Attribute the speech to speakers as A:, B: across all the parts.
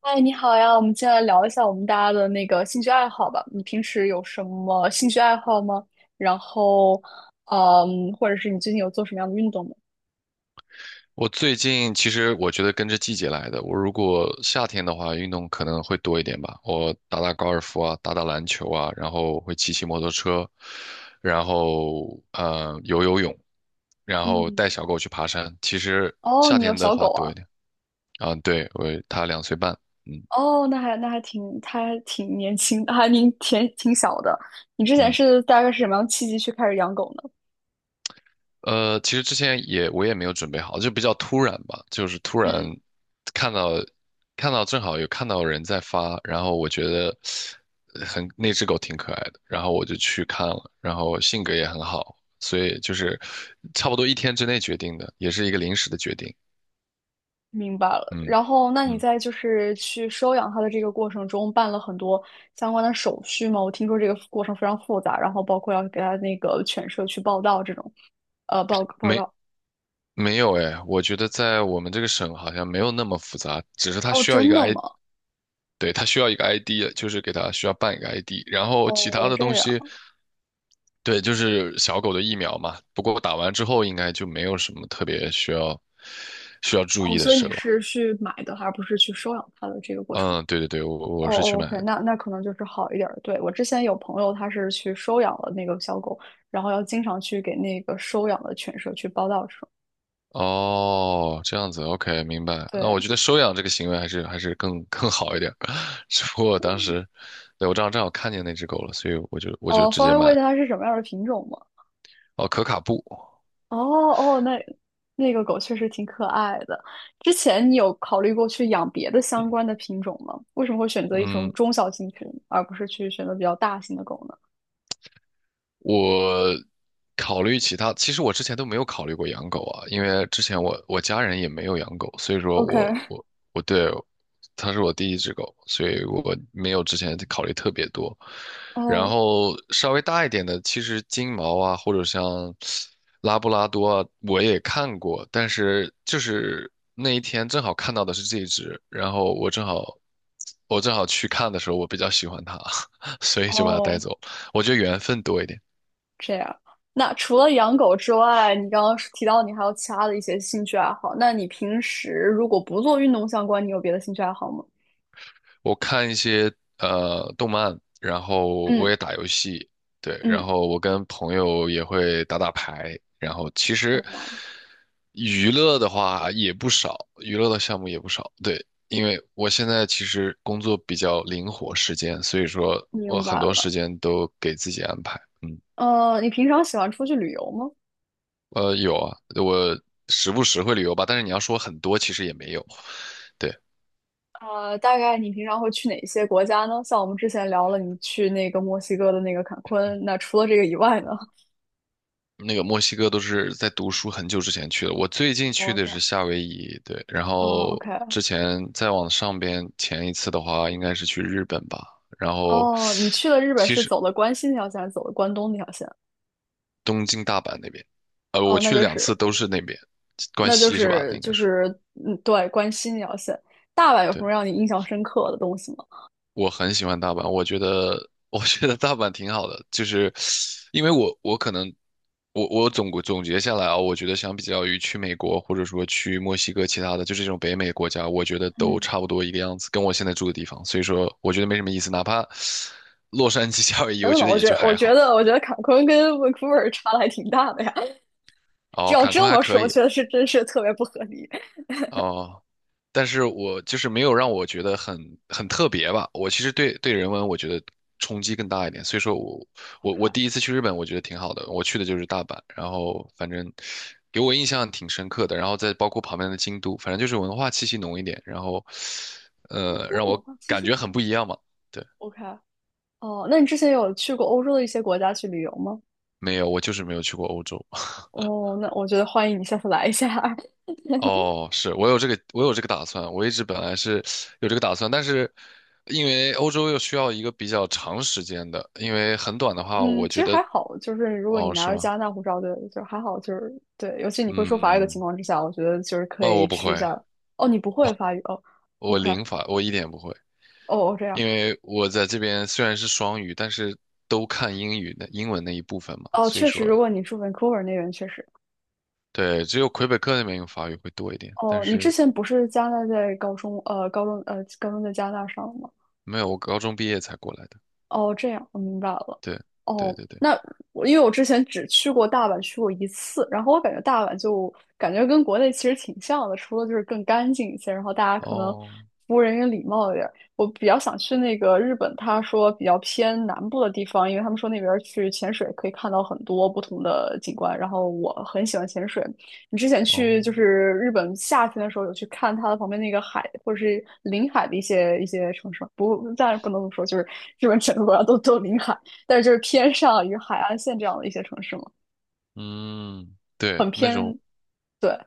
A: 嗨，你好呀，我们接下来聊一下我们大家的那个兴趣爱好吧。你平时有什么兴趣爱好吗？然后，或者是你最近有做什么样的运动吗？
B: 我最近其实我觉得跟着季节来的。我如果夏天的话，运动可能会多一点吧。我打打高尔夫啊，打打篮球啊，然后会骑骑摩托车，然后游泳，然后带
A: 嗯，
B: 小狗去爬山。其实
A: 哦，
B: 夏
A: 你有
B: 天的
A: 小
B: 话
A: 狗
B: 多
A: 啊？
B: 一点啊。对，他两岁半。嗯
A: 哦，那还那还挺，它还挺年轻，还挺小的。你之前
B: 嗯
A: 大概是什么样的契机去开始养狗呢？
B: 。其实之前我也没有准备好，就比较突然吧，就是突然
A: 嗯。
B: 看到看到正好有看到人在发，然后我觉得那只狗挺可爱的，然后我就去看了，然后性格也很好，所以就是差不多一天之内决定的，也是一个临时的决定。
A: 明白了。
B: 嗯
A: 然后，那你
B: 嗯，
A: 就是去收养它的这个过程中，办了很多相关的手续吗？我听说这个过程非常复杂，然后包括要给它那个犬舍去报到这种，呃，报报
B: 没
A: 告。
B: 没有哎，我觉得在我们这个省好像没有那么复杂，只是它
A: 哦，
B: 需要一
A: 真
B: 个
A: 的
B: I，
A: 吗？
B: 对，它需要一个 ID，就是给它需要办一个 ID，然后其他
A: 哦，
B: 的
A: 这
B: 东
A: 样。
B: 西。对，就是小狗的疫苗嘛。不过打完之后应该就没有什么特别需要注
A: 哦，
B: 意的
A: 所以
B: 事
A: 你
B: 了吧？
A: 是去买的，而不是去收养它的这个过程？
B: 嗯，对对对，我
A: 哦
B: 是去
A: 哦
B: 买
A: ，OK，
B: 的。
A: 那那可能就是好一点儿。对，我之前有朋友，他是去收养了那个小狗，然后要经常去给那个收养的犬舍去报到这种。
B: 哦，这样子，OK，明白。那我
A: 对，
B: 觉得收养这个行为还是更好一点。只不过当时，对，我正好看见那只狗了，所以我就
A: 哦，
B: 直
A: 方
B: 接
A: 便问
B: 买。
A: 一下它是什么样的品种吗？
B: 哦，可卡布。
A: 哦哦，那那个狗确实挺可爱的。之前你有考虑过去养别的相关的品种吗？为什么会选择一种
B: 嗯。
A: 中小型品，而不是去选择比较大型的狗呢
B: 我考虑其他，其实我之前都没有考虑过养狗啊，因为之前我家人也没有养狗，所以说我
A: ？OK，
B: 我我对它是我第一只狗，所以我没有之前考虑特别多。然
A: 哦
B: 后稍微大一点的，其实金毛啊，或者像拉布拉多啊，我也看过，但是就是那一天正好看到的是这一只，然后我正好去看的时候，我比较喜欢它。所以就把它带
A: 哦，
B: 走了。我觉得缘分多一点。
A: 这样。那除了养狗之外，你刚刚是提到你还有其他的一些兴趣爱好。那你平时如果不做运动相关，你有别的兴趣爱好吗？
B: 我看一些动漫，然后我
A: 嗯
B: 也打游戏。对，然
A: 嗯，
B: 后我跟朋友也会打打牌，然后其实
A: 哦，
B: 娱乐的话也不少，娱乐的项目也不少。对，因为我现在其实工作比较灵活时间，所以说我
A: 明
B: 很
A: 白
B: 多
A: 了。
B: 时间都给自己安排。嗯。
A: 呃，你平常喜欢出去旅游吗？
B: 有啊，我时不时会旅游吧，但是你要说很多，其实也没有。对。
A: 呃，大概你平常会去哪些国家呢？像我们之前聊了，你去那个墨西哥的那个坎昆，那除了这个以外呢？
B: 那个墨西哥都是在读书很久之前去的，我最近去
A: 哦，
B: 的
A: 这
B: 是
A: 样。
B: 夏威夷。对，然
A: 哦
B: 后
A: ，OK。
B: 之前再往上边前一次的话，应该是去日本吧，然后
A: 哦，你去了日本是走的关西那条线，还是走的关东那条线？
B: 东京、大阪那边。我
A: 哦，那
B: 去
A: 就
B: 两次
A: 是
B: 都是那边。关
A: 那就
B: 西是吧？那
A: 是
B: 应该
A: 就
B: 是。
A: 是嗯，对，关西那条线。大阪有什
B: 对。
A: 么让你印象深刻的东西吗？
B: 我很喜欢大阪，我觉得大阪挺好的。就是因为我可能我总结下来啊，我觉得相比较于去美国或者说去墨西哥其他的，就是这种北美国家，我觉得都
A: 嗯，
B: 差不多一个样子，跟我现在住的地方，所以说我觉得没什么意思。哪怕洛杉矶、夏威夷，
A: 真
B: 我
A: 的吗？
B: 觉得
A: 我
B: 也
A: 觉
B: 就
A: 得我
B: 还
A: 觉
B: 好。
A: 得我觉得坎昆跟温库尔差的还挺大的呀。这
B: 哦，
A: 要
B: 坎
A: 这
B: 昆还
A: 么
B: 可
A: 说，我
B: 以。
A: 觉得是真是特别不合理。
B: 哦。但是我就是没有让我觉得很特别吧。我其实对人文我觉得冲击更大一点，所以说我
A: OK。
B: 第一次去日本，我觉得挺好的。我去的就是大阪，然后反正给我印象挺深刻的。然后再包括旁边的京都，反正就是文化气息浓一点，然后
A: 因为
B: 让
A: 我
B: 我
A: 其
B: 感
A: 实
B: 觉很
A: 很
B: 不一样嘛。对。
A: OK，哦，那你之前有去过欧洲的一些国家去旅游吗？
B: 没有，我就是没有去过欧洲。
A: 哦，那我觉得欢迎你下次来一下。
B: 哦，是我有这个，我有这个打算。我一直本来是有这个打算，但是因为欧洲又需要一个比较长时间的，因为很短的话，
A: 嗯，
B: 我
A: 其
B: 觉
A: 实还
B: 得。
A: 好，就是如果你
B: 哦，
A: 拿
B: 是
A: 着加
B: 吗？
A: 拿大护照的，就还好，就是对，尤其你会说法语的情
B: 嗯。
A: 况之下，我觉得就是可
B: 哦，
A: 以
B: 我不
A: 去一
B: 会，
A: 下。哦，你不会法语哦
B: 我
A: ，OK，哦
B: 零法，我一点也不会。
A: 哦这样，
B: 因为我在这边虽然是双语，但是都看英语的英文那一部分嘛，
A: 哦
B: 所以
A: 确
B: 说，
A: 实，如果你住 Vancouver 那边确实，
B: 对，只有魁北克那边用法语会多一点，但
A: 哦，你之
B: 是
A: 前不是加拿大在高中，高中在加拿大上的吗？
B: 没有，我高中毕业才过来的。
A: 哦，这样，我明白了。
B: 对，对
A: 哦，
B: 对对，
A: 那我因为我之前只去过大阪，去过一次，然后我感觉大阪就感觉跟国内其实挺像的，除了就是更干净一些，然后大家可能
B: 哦
A: 服务人员礼貌一点儿。我比较想去那个日本，他说比较偏南部的地方，因为他们说那边儿去潜水可以看到很多不同的景观，然后我很喜欢潜水，你之前去
B: 哦。
A: 就是日本夏天的时候，有去看它的旁边那个海或者是临海的一些城市吗？不，当然不能这么说，就是日本整个国家都临海，但是就是偏上与海岸线这样的一些城市嘛，
B: 嗯。对，
A: 很
B: 那种
A: 偏。对，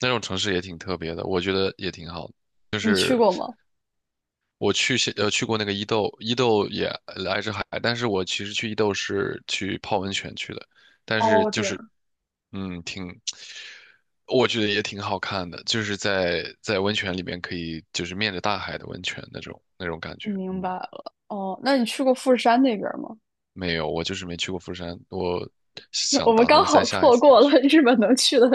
B: 那种城市也挺特别的，我觉得也挺好的。
A: 你去过吗？
B: 我去过那个伊豆，伊豆也挨着海，但是我其实去伊豆是去泡温泉去的。但是
A: 哦，
B: 就
A: 这
B: 是
A: 样，
B: 嗯挺，我觉得也挺好看的，就是在温泉里面可以就是面着大海的温泉那种那种感觉。
A: 明
B: 嗯。
A: 白了。哦，那你去过富士山那边吗？
B: 没有，我就是没去过釜山，我
A: 我
B: 想
A: 们
B: 打
A: 刚
B: 算再
A: 好
B: 下一
A: 错
B: 次再
A: 过了
B: 去。
A: 日本能去的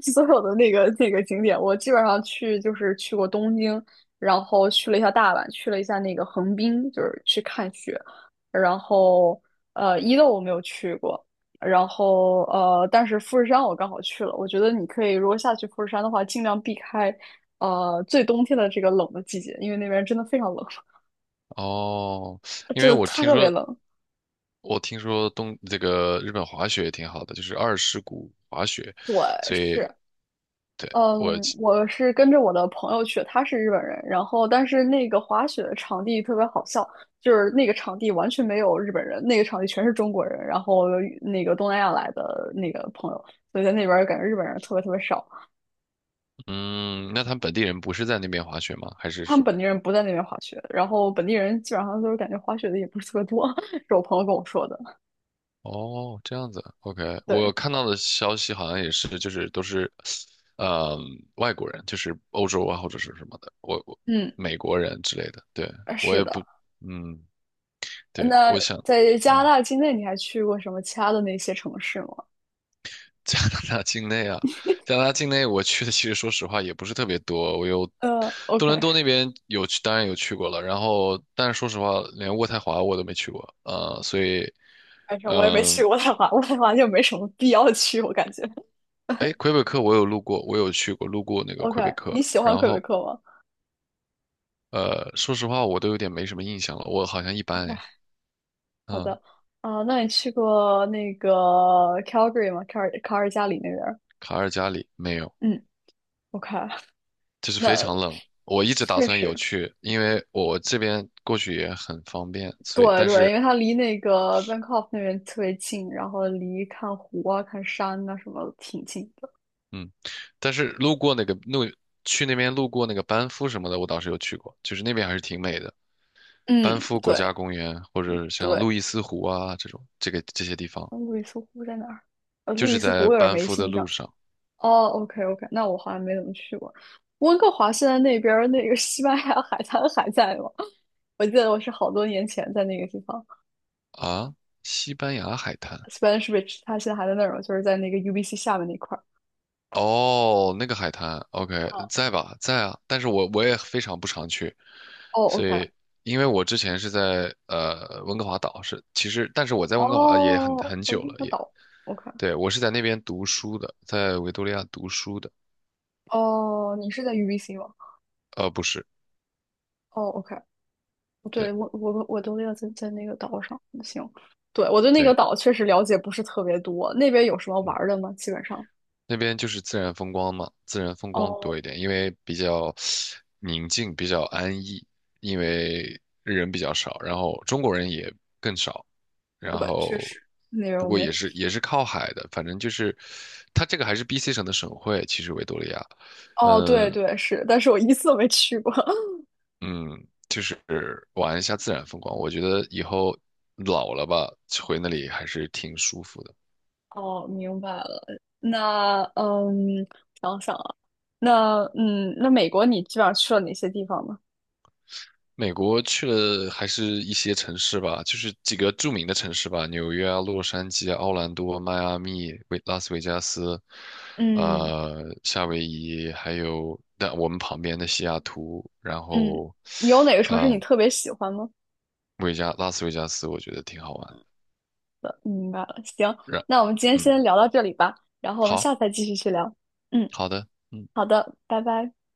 A: 所有的那个景点。我基本上去就是去过东京，然后去了一下大阪，去了一下那个横滨，就是去看雪。然后呃，伊豆我没有去过，然后呃，但是富士山我刚好去了。我觉得你可以如果下去富士山的话，尽量避开呃最冬天的这个冷的季节，因为那边真的非常冷，
B: 哦，因
A: 真
B: 为
A: 的
B: 我听
A: 特别
B: 说
A: 冷。
B: 我听说东这个日本滑雪也挺好的，就是二世谷滑雪，
A: 对，
B: 所以
A: 是。
B: 对我
A: 嗯，
B: 记
A: 我是跟着我的朋友去，他是日本人，然后但是那个滑雪的场地特别好笑，就是那个场地完全没有日本人，那个场地全是中国人，然后那个东南亚来的那个朋友，所以在那边儿感觉日本人特别特别少，
B: 嗯。那他们本地人不是在那边滑雪吗？还是
A: 他
B: 说
A: 们本地人不在那边滑雪，然后本地人基本上都是感觉滑雪的也不是特别多，是我朋友跟我说的。
B: 哦，这样子？OK，我
A: 对，
B: 看到的消息好像也是，就是都是，呃，外国人，就是欧洲啊或者是什么的，
A: 嗯，
B: 美国人之类的。对我
A: 是
B: 也不，
A: 的。
B: 嗯，对，
A: 那
B: 我想。
A: 在加拿
B: 嗯。
A: 大境内，你还去过什么其他的那些城市吗？
B: 加拿大境内啊，加拿大境内我去的其实说实话也不是特别多。我有
A: 呃
B: 多伦
A: ，OK。
B: 多那边有去，当然有去过了，然后但是说实话，连渥太华我都没去过，所以，
A: 反正
B: 嗯、
A: 我也没去
B: 呃，
A: 渥太华，渥太华就没什么必要去，我感觉。
B: 哎，魁北克我有路过，我有去过，路过那个
A: OK，
B: 魁北克，
A: 你喜欢
B: 然
A: 魁北
B: 后
A: 克吗
B: 说实话我都有点没什么印象了，我好像一般
A: ？OK，
B: 哎。
A: 好
B: 嗯。
A: 的。啊、那你去过那个 Calgary 吗？卡尔加里那边儿
B: 卡尔加里没有，
A: 嗯，OK，
B: 就是非
A: 那
B: 常冷。我一直打
A: 确
B: 算有
A: 实，
B: 去，因为我这边过去也很方便，所以
A: 对
B: 但
A: 对，因
B: 是
A: 为它离那个 Bangkok 那边特别近，然后离看湖啊、看山啊什么挺近的。
B: 嗯，但是路过那个路，去那边路过那个班夫什么的，我倒是有去过，就是那边还是挺美的。班
A: 嗯，
B: 夫国家
A: 对
B: 公园或者像
A: 对。
B: 路易斯湖啊这种，这个这些地方，
A: 路易斯湖在哪儿？呃，
B: 就
A: 路易
B: 是
A: 斯
B: 在
A: 湖有点
B: 班
A: 没
B: 夫的
A: 印
B: 路
A: 象。
B: 上
A: 哦，OK OK，那我好像没怎么去过。温哥华现在那边儿那个西班牙海滩还在吗？我记得我是好多年前在那个地方
B: 啊。西班牙海滩。
A: ，Spanish Beach，它现在还在那儿吗？就是在那个 UBC 下面那块儿。
B: 哦，那个海滩，OK，
A: 哦，
B: 在吧，在啊。但是我也非常不常去，
A: 哦
B: 所
A: ，OK，
B: 以因为我之前是在温哥华岛，是其实，但是我在温哥华也很
A: 哦，
B: 很
A: 它
B: 久了，
A: 个
B: 也
A: 岛，OK，
B: 对，我是在那边读书的，在维多利亚读书的。
A: 哦，你是在 UBC 吗？
B: 不是，
A: 哦，OK，哦
B: 对
A: 对，我都要在那个岛上，行，对，我对那个
B: 对。
A: 岛确实了解不是特别多，那边有什么玩
B: 嗯。
A: 儿的吗？基本上，
B: 那边就是自然风光嘛，自然风光
A: 哦，
B: 多一点，因为比较宁静，比较安逸，因为人比较少，然后中国人也更少，然
A: 对，确
B: 后
A: 实那边
B: 不
A: 我
B: 过
A: 没。
B: 也是也是靠海的，反正就是它这个还是 BC 省的省会，其实维多利亚。
A: 哦，对
B: 嗯
A: 对是，但是我一次都没去过。
B: 嗯，就是玩一下自然风光，我觉得以后老了吧，回那里还是挺舒服的。
A: 哦，明白了。那嗯，想想啊，那嗯，那美国你基本上去了哪些地方呢？
B: 美国去了还是一些城市吧，就是几个著名的城市吧，纽约啊、洛杉矶啊、奥兰多、迈阿密、维拉斯维加斯，
A: 嗯
B: 夏威夷，还有但我们旁边的西雅图，然
A: 嗯，
B: 后，
A: 你有哪个城市你
B: 呃，
A: 特别喜欢吗？
B: 维加拉斯维加斯，我觉得挺好玩的。
A: 明白了，行，
B: 然，
A: 那我们今天
B: 嗯，
A: 先聊到这里吧，然后我们
B: 好
A: 下次再继续去聊。嗯，
B: 好的，嗯。
A: 好的，拜拜。